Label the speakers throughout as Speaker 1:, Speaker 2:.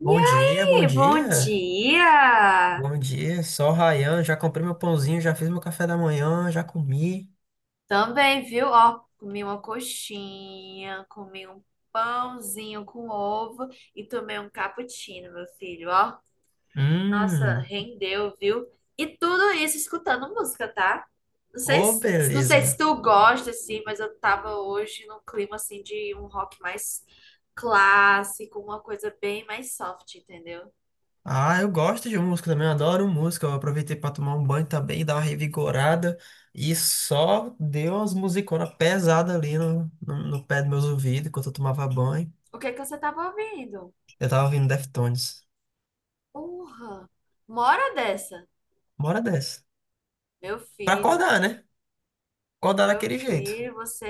Speaker 1: E
Speaker 2: Bom dia, bom
Speaker 1: aí, bom
Speaker 2: dia.
Speaker 1: dia!
Speaker 2: Bom dia, só o Ryan. Já comprei meu pãozinho, já fiz meu café da manhã, já comi.
Speaker 1: Também, viu? Ó, comi uma coxinha, comi um pãozinho com ovo e tomei um cappuccino, meu filho, ó. Nossa,
Speaker 2: Hum,
Speaker 1: rendeu, viu? E tudo isso escutando música, tá? Não sei,
Speaker 2: ô,
Speaker 1: não sei se
Speaker 2: beleza.
Speaker 1: tu gosta, assim, mas eu tava hoje num clima, assim, de um rock mais clássico, uma coisa bem mais soft, entendeu?
Speaker 2: Ah, eu gosto de música também, eu adoro música. Eu aproveitei pra tomar um banho também, dar uma revigorada. E só deu umas musiconas pesadas ali no pé dos meus ouvidos enquanto eu tomava banho.
Speaker 1: O que é que você tava ouvindo?
Speaker 2: Eu tava ouvindo Deftones.
Speaker 1: Porra! Mora dessa!
Speaker 2: Uma hora dessa.
Speaker 1: Meu
Speaker 2: Pra
Speaker 1: filho,
Speaker 2: acordar, né? Acordar
Speaker 1: meu
Speaker 2: daquele jeito,
Speaker 1: filho, você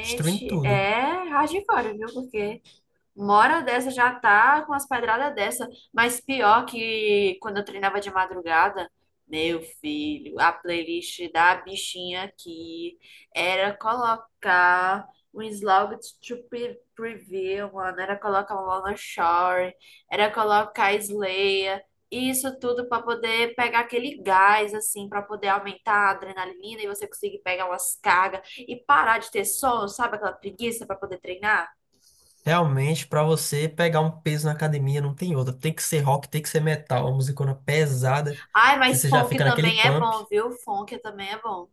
Speaker 2: destruindo tudo.
Speaker 1: é hardcore, viu? Porque uma hora dessa já tá com as pedradas dessa. Mas pior que quando eu treinava de madrugada, meu filho, a playlist da bichinha aqui era colocar um Slow to Preview, mano. Era colocar Lana Shore, era colocar Slayer. Isso tudo para poder pegar aquele gás, assim, para poder aumentar a adrenalina e você conseguir pegar umas cargas e parar de ter sono, sabe? Aquela preguiça para poder treinar.
Speaker 2: Realmente, pra você pegar um peso na academia, não tem outra. Tem que ser rock, tem que ser metal, uma musicona pesada,
Speaker 1: Ai,
Speaker 2: que
Speaker 1: mas
Speaker 2: você já
Speaker 1: funk
Speaker 2: fica naquele
Speaker 1: também é
Speaker 2: pump.
Speaker 1: bom, viu? Funk também é bom.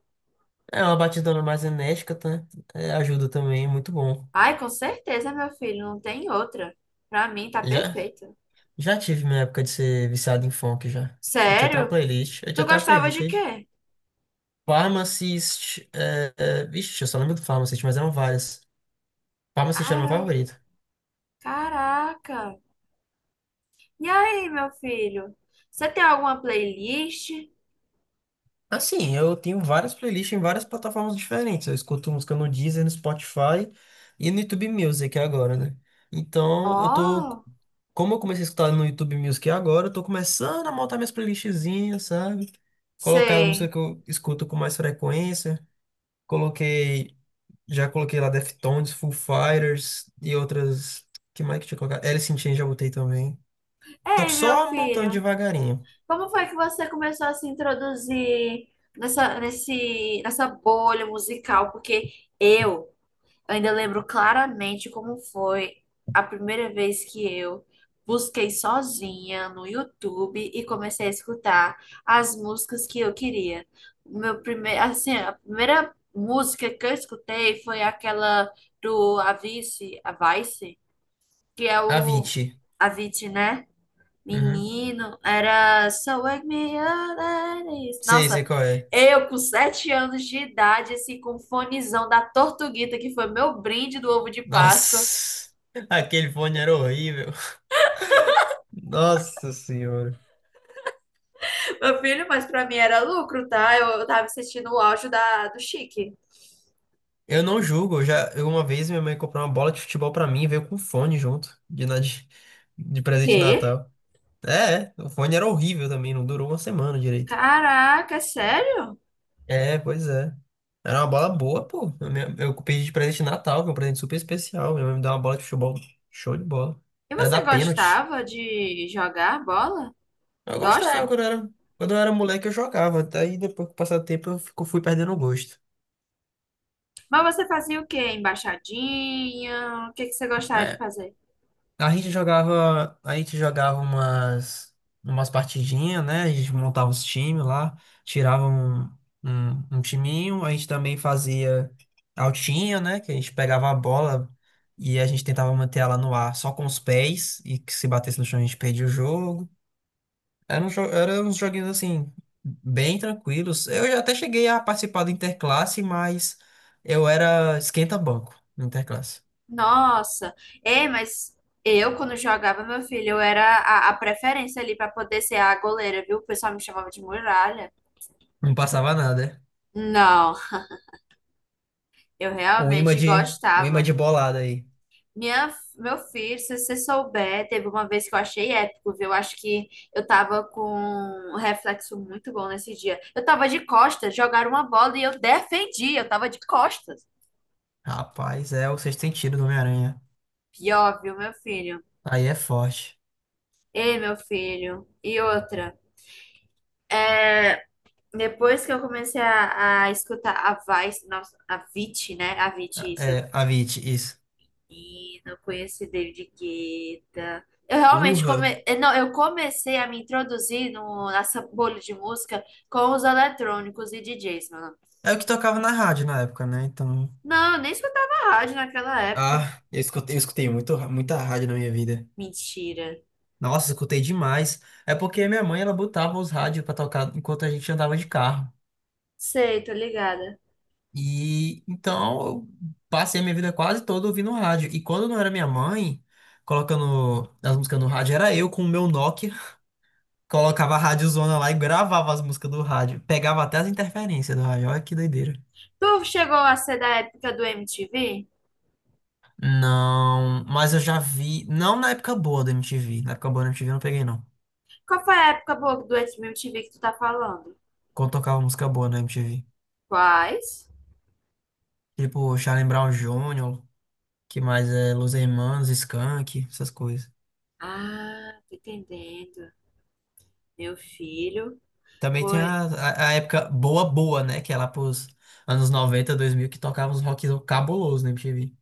Speaker 2: É uma batidona mais enérgica, tá? É, ajuda também, muito bom.
Speaker 1: Ai, com certeza, meu filho, não tem outra. Pra mim tá
Speaker 2: Já,
Speaker 1: perfeito.
Speaker 2: já tive minha época de ser viciado em funk já. Eu tinha até uma
Speaker 1: Sério?
Speaker 2: playlist, eu
Speaker 1: Tu
Speaker 2: tinha até uma
Speaker 1: gostava
Speaker 2: playlist
Speaker 1: de
Speaker 2: aí de
Speaker 1: quê?
Speaker 2: Pharmacist. Vixe, eu só lembro do Pharmacist, mas eram várias. Pharmacist era meu
Speaker 1: Cara,
Speaker 2: favorito.
Speaker 1: caraca. E aí, meu filho? Você tem alguma playlist?
Speaker 2: Assim, eu tenho várias playlists em várias plataformas diferentes. Eu escuto música no Deezer, no Spotify e no YouTube Music agora, né? Então, eu tô.
Speaker 1: Oh,
Speaker 2: Como eu comecei a escutar no YouTube Music agora, eu tô começando a montar minhas playlistzinhas, sabe? Colocar a música
Speaker 1: sei.
Speaker 2: que eu escuto com mais frequência. Coloquei. Já coloquei lá Deftones, Foo Fighters e outras. Que mais que eu tinha colocado? Alice in Chains já botei também. Tô
Speaker 1: Ei, meu
Speaker 2: só montando
Speaker 1: filho,
Speaker 2: devagarinho.
Speaker 1: como foi que você começou a se introduzir nessa, nesse, nessa bolha musical? Porque eu Eu ainda lembro claramente como foi a primeira vez que eu busquei sozinha no YouTube e comecei a escutar as músicas que eu queria. O Meu primeiro, assim, a primeira música que eu escutei foi aquela do Avicii, Avicii, que é o
Speaker 2: Avicii.
Speaker 1: Avicii, né?
Speaker 2: Uhum.
Speaker 1: Menino, era So Wake Me Up Ladies.
Speaker 2: Sei
Speaker 1: Nossa,
Speaker 2: qual é.
Speaker 1: eu com 7 anos de idade, assim, com um fonezão da Tortuguita, que foi meu brinde do ovo de Páscoa.
Speaker 2: Nossa, aquele fone era horrível. Nossa senhora.
Speaker 1: Meu filho, mas pra mim era lucro, tá? Eu tava assistindo o auge do Chique.
Speaker 2: Eu não julgo, eu uma vez minha mãe comprou uma bola de futebol pra mim e veio com fone junto de presente de
Speaker 1: Quê?
Speaker 2: Natal. O fone era horrível também, não durou uma semana direito.
Speaker 1: Caraca, é sério?
Speaker 2: É, pois é. Era uma bola boa, pô. Eu pedi de presente de Natal, que é um presente super especial. Minha mãe me deu uma bola de futebol, show de bola.
Speaker 1: E
Speaker 2: Era da
Speaker 1: você
Speaker 2: pênalti.
Speaker 1: gostava de jogar bola?
Speaker 2: Eu gostava
Speaker 1: Gosta?
Speaker 2: quando eu era moleque, eu jogava. Daí depois que passar o tempo eu fui perdendo o gosto.
Speaker 1: Mas você fazia o quê? Embaixadinha? O que que você gostava de
Speaker 2: É.
Speaker 1: fazer?
Speaker 2: A gente jogava umas partidinhas, né? A gente montava os times lá, tirava um timinho. A gente também fazia altinha, né? Que a gente pegava a bola e a gente tentava manter ela no ar só com os pés, e que se batesse no chão a gente perdia o jogo. Era uns joguinhos assim, bem tranquilos. Eu já até cheguei a participar do Interclasse, mas eu era esquenta-banco no Interclasse.
Speaker 1: Nossa, é, mas eu, quando jogava, meu filho, eu era a preferência ali pra poder ser a goleira, viu? O pessoal me chamava de muralha.
Speaker 2: Não passava nada, é?
Speaker 1: Não, eu
Speaker 2: Um imã
Speaker 1: realmente
Speaker 2: de, um imã
Speaker 1: gostava.
Speaker 2: de bolada aí.
Speaker 1: Minha, meu filho, se você souber, teve uma vez que eu achei épico, viu? Eu acho que eu tava com um reflexo muito bom nesse dia. Eu tava de costas, jogaram uma bola e eu defendi, eu tava de costas.
Speaker 2: Rapaz, é o sexto sentido do Homem-Aranha.
Speaker 1: Pior, viu, meu filho?
Speaker 2: Aí é forte.
Speaker 1: Ei, meu filho. E outra. Depois que eu comecei a escutar a Vice, nossa, a Vit, né? A Vit, isso.
Speaker 2: É, Avit, isso.
Speaker 1: E não conheci David Guetta. Eu realmente
Speaker 2: Urra.
Speaker 1: não, eu comecei a me introduzir no, nessa bolha de música com os eletrônicos e DJs, mano.
Speaker 2: É o que tocava na rádio na época, né? Então.
Speaker 1: Não, eu nem escutava rádio naquela época.
Speaker 2: Ah, eu escutei muito, muita rádio na minha vida.
Speaker 1: Mentira.
Speaker 2: Nossa, escutei demais. É porque minha mãe, ela botava os rádios pra tocar enquanto a gente andava de carro.
Speaker 1: Sei, tô ligada.
Speaker 2: E então eu passei a minha vida quase toda ouvindo rádio. E quando não era minha mãe colocando as músicas no rádio, era eu com o meu Nokia. Colocava a rádiozona lá e gravava as músicas do rádio. Pegava até as interferências do rádio. Olha que doideira.
Speaker 1: Tu chegou a ser da época do MTV?
Speaker 2: Não, mas eu já vi. Não na época boa da MTV. Na época boa da MTV eu não peguei, não.
Speaker 1: Qual foi a época boa do MTV que tu tá falando?
Speaker 2: Quando tocava música boa na MTV.
Speaker 1: Quais?
Speaker 2: Tipo, Charlie Brown Jr., que mais é Los Hermanos, Skank, essas coisas.
Speaker 1: Ah, tô entendendo. Meu filho
Speaker 2: Também tem
Speaker 1: foi.
Speaker 2: a época boa, boa, né? Que é lá pros anos 90, 2000 que tocava uns rock cabuloso na MTV.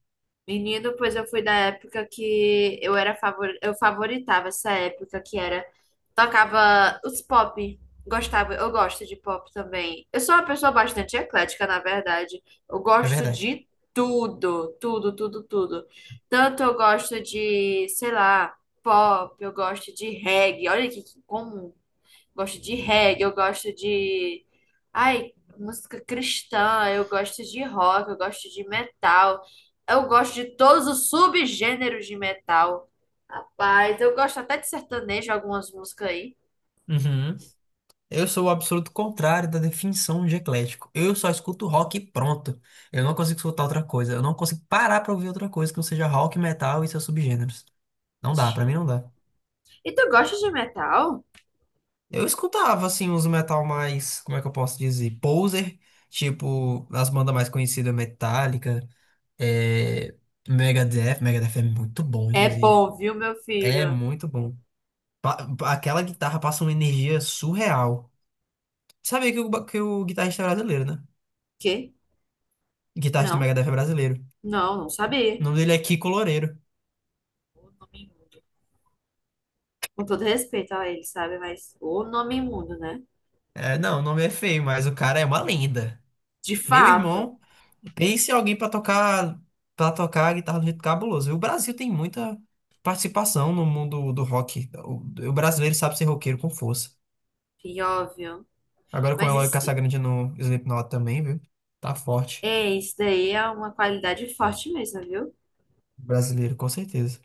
Speaker 1: Menino, pois eu fui da época que eu favoritava essa época que era. Tocava os pop. Gostava, eu gosto de pop também. Eu sou uma pessoa bastante eclética, na verdade. Eu
Speaker 2: É
Speaker 1: gosto
Speaker 2: verdade.
Speaker 1: de tudo, tudo, tudo, tudo. Tanto eu gosto de, sei lá, pop, eu gosto de reggae. Olha que comum. Gosto de reggae, eu gosto de. Ai, música cristã, eu gosto de rock, eu gosto de metal, eu gosto de todos os subgêneros de metal. Rapaz, eu gosto até de sertanejo, algumas músicas aí.
Speaker 2: Uhum. Eu sou o absoluto contrário da definição de eclético. Eu só escuto rock e pronto. Eu não consigo escutar outra coisa. Eu não consigo parar pra ouvir outra coisa que não seja rock, metal e seus subgêneros. Não dá, pra mim
Speaker 1: Mentira.
Speaker 2: não dá.
Speaker 1: E tu gosta de metal?
Speaker 2: Eu escutava, assim, uns metal mais, como é que eu posso dizer? Poser, tipo, as bandas mais conhecidas, Metallica, é... Megadeth. Megadeth é muito bom,
Speaker 1: É
Speaker 2: inclusive.
Speaker 1: bom, viu, meu
Speaker 2: É
Speaker 1: filho?
Speaker 2: muito bom. Aquela guitarra passa uma energia surreal. Sabia que o guitarrista é brasileiro, né?
Speaker 1: Quê?
Speaker 2: O Guitarrista do
Speaker 1: Não,
Speaker 2: Megadeth é brasileiro.
Speaker 1: não, não sabia.
Speaker 2: O nome dele é Kiko Loureiro.
Speaker 1: O nome imundo. Com todo respeito a ele, sabe? Mas o nome imundo, né?
Speaker 2: É, não, o nome é feio, mas o cara é uma lenda.
Speaker 1: De
Speaker 2: Meu
Speaker 1: fato.
Speaker 2: irmão, pense em alguém pra tocar para tocar a guitarra do jeito cabuloso. E o Brasil tem muita participação no mundo do rock. O brasileiro sabe ser roqueiro com força.
Speaker 1: Pior, viu?
Speaker 2: Agora com o
Speaker 1: Mas
Speaker 2: Eloy
Speaker 1: isso,
Speaker 2: Casagrande no Slipknot também, viu? Tá forte.
Speaker 1: É, isso daí é uma qualidade forte mesmo, viu?
Speaker 2: O brasileiro, com certeza.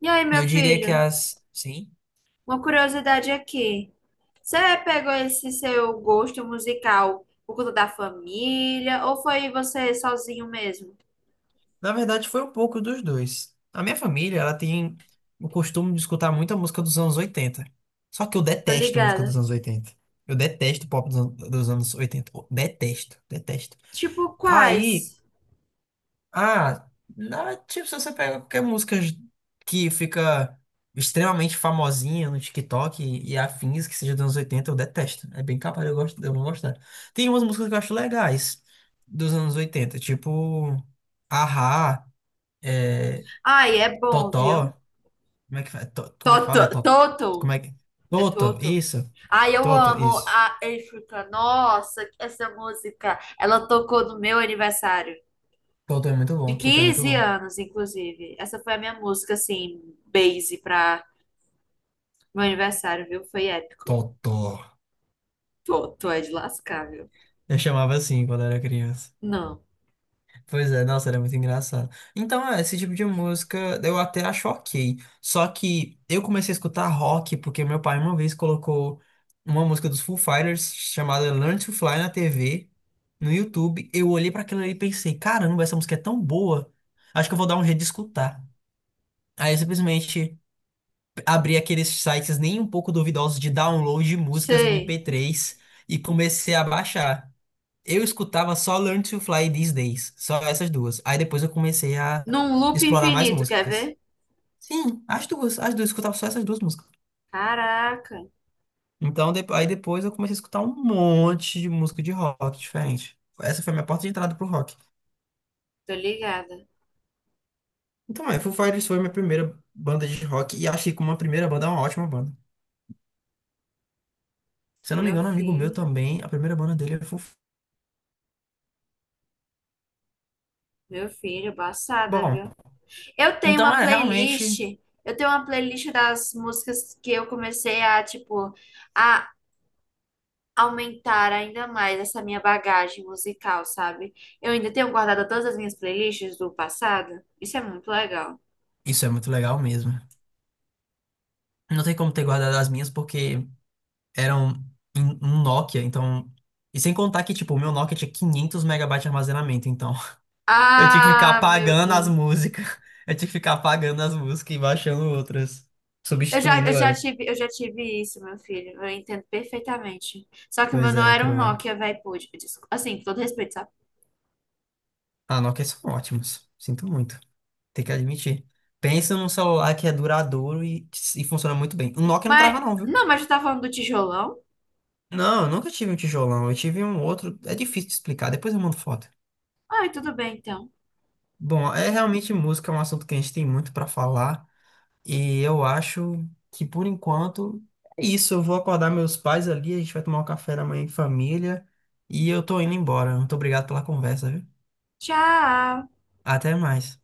Speaker 1: E aí, meu
Speaker 2: Eu diria que
Speaker 1: filho,
Speaker 2: as. Sim.
Speaker 1: uma curiosidade aqui. Você pegou esse seu gosto musical por conta da família ou foi você sozinho mesmo?
Speaker 2: Na verdade, foi um pouco dos dois. A minha família, ela tem o costume de escutar muita música dos anos 80. Só que eu
Speaker 1: Tô
Speaker 2: detesto música dos
Speaker 1: ligada.
Speaker 2: anos 80. Eu detesto pop dos anos 80. Eu detesto, detesto.
Speaker 1: Tipo,
Speaker 2: Aí,
Speaker 1: quais?
Speaker 2: ah, tipo, se você pega qualquer música que fica extremamente famosinha no TikTok e afins que seja dos anos 80, eu detesto. É bem capaz de eu, gosto, de eu não gostar. Tem umas músicas que eu acho legais dos anos 80, tipo, Ahá.
Speaker 1: Ai, é bom, viu?
Speaker 2: Totó. Como é que fala? É
Speaker 1: Toto,
Speaker 2: Toto. Como
Speaker 1: Toto,
Speaker 2: é que.
Speaker 1: é
Speaker 2: Toto,
Speaker 1: Toto.
Speaker 2: isso.
Speaker 1: Ai, eu
Speaker 2: Toto,
Speaker 1: amo
Speaker 2: isso.
Speaker 1: a África. Nossa, essa música, ela tocou no meu aniversário.
Speaker 2: Toto é muito
Speaker 1: De
Speaker 2: bom. Toto é muito
Speaker 1: 15
Speaker 2: bom.
Speaker 1: anos, inclusive. Essa foi a minha música, assim, base pra meu aniversário, viu? Foi épico.
Speaker 2: Toto.
Speaker 1: Pô, tu é de lascar, viu?
Speaker 2: Eu chamava assim quando era criança.
Speaker 1: Não.
Speaker 2: Pois é, nossa, era muito engraçado. Então, é, esse tipo de música eu até acho ok. Só que eu comecei a escutar rock porque meu pai uma vez colocou uma música dos Foo Fighters chamada Learn to Fly na TV, no YouTube. Eu olhei pra aquilo ali e pensei, caramba, essa música é tão boa. Acho que eu vou dar um jeito de escutar. Aí eu simplesmente abri aqueles sites nem um pouco duvidosos de download de músicas
Speaker 1: Sei.
Speaker 2: MP3 e comecei a baixar. Eu escutava só Learn to Fly These Days, só essas duas. Aí depois eu comecei a
Speaker 1: Num loop
Speaker 2: explorar mais
Speaker 1: infinito, quer
Speaker 2: músicas.
Speaker 1: ver?
Speaker 2: Sim, as duas, eu escutava só essas duas músicas.
Speaker 1: Caraca,
Speaker 2: Então, aí depois eu comecei a escutar um monte de música de rock diferente. Essa foi a minha porta de entrada pro rock.
Speaker 1: tô ligada.
Speaker 2: Então, é, Foo Fighters foi minha primeira banda de rock e achei que como a primeira banda é uma ótima banda. Se eu não me
Speaker 1: Meu
Speaker 2: engano, um amigo meu
Speaker 1: filho,
Speaker 2: também, a primeira banda dele é Foo Fighters.
Speaker 1: meu filho, passada,
Speaker 2: Bom,
Speaker 1: viu? Eu tenho
Speaker 2: então,
Speaker 1: uma
Speaker 2: é,
Speaker 1: playlist.
Speaker 2: realmente,
Speaker 1: Eu tenho uma playlist das músicas que eu comecei tipo, a aumentar ainda mais essa minha bagagem musical, sabe? Eu ainda tenho guardado todas as minhas playlists do passado. Isso é muito legal.
Speaker 2: isso é muito legal mesmo. Não tem como ter guardado as minhas porque eram um Nokia, então. E sem contar que, tipo, o meu Nokia tinha 500 megabytes de armazenamento, então. Eu tinha que ficar
Speaker 1: Ah, meu
Speaker 2: apagando as
Speaker 1: Deus.
Speaker 2: músicas. Eu tinha que ficar apagando as músicas e baixando outras,
Speaker 1: Eu já,
Speaker 2: substituindo
Speaker 1: eu já
Speaker 2: elas.
Speaker 1: tive, eu já tive isso, meu filho. Eu entendo perfeitamente. Só que o meu
Speaker 2: Pois
Speaker 1: não
Speaker 2: é,
Speaker 1: era um
Speaker 2: cruel.
Speaker 1: Nokia, velho, pude. Assim, com todo respeito, sabe?
Speaker 2: Ah, Nokia são ótimos. Sinto muito. Tem que admitir. Pensa num celular que é duradouro e funciona muito bem. O Nokia não trava,
Speaker 1: Mas,
Speaker 2: não, viu?
Speaker 1: não, mas eu tava falando do tijolão.
Speaker 2: Não, eu nunca tive um tijolão. Eu tive um outro. É difícil de explicar, depois eu mando foto.
Speaker 1: Ai, tudo bem, então.
Speaker 2: Bom, é realmente música, é um assunto que a gente tem muito pra falar. E eu acho que por enquanto é isso. Eu vou acordar meus pais ali, a gente vai tomar um café da manhã em família. E eu tô indo embora. Muito obrigado pela conversa, viu?
Speaker 1: Tchau.
Speaker 2: Até mais.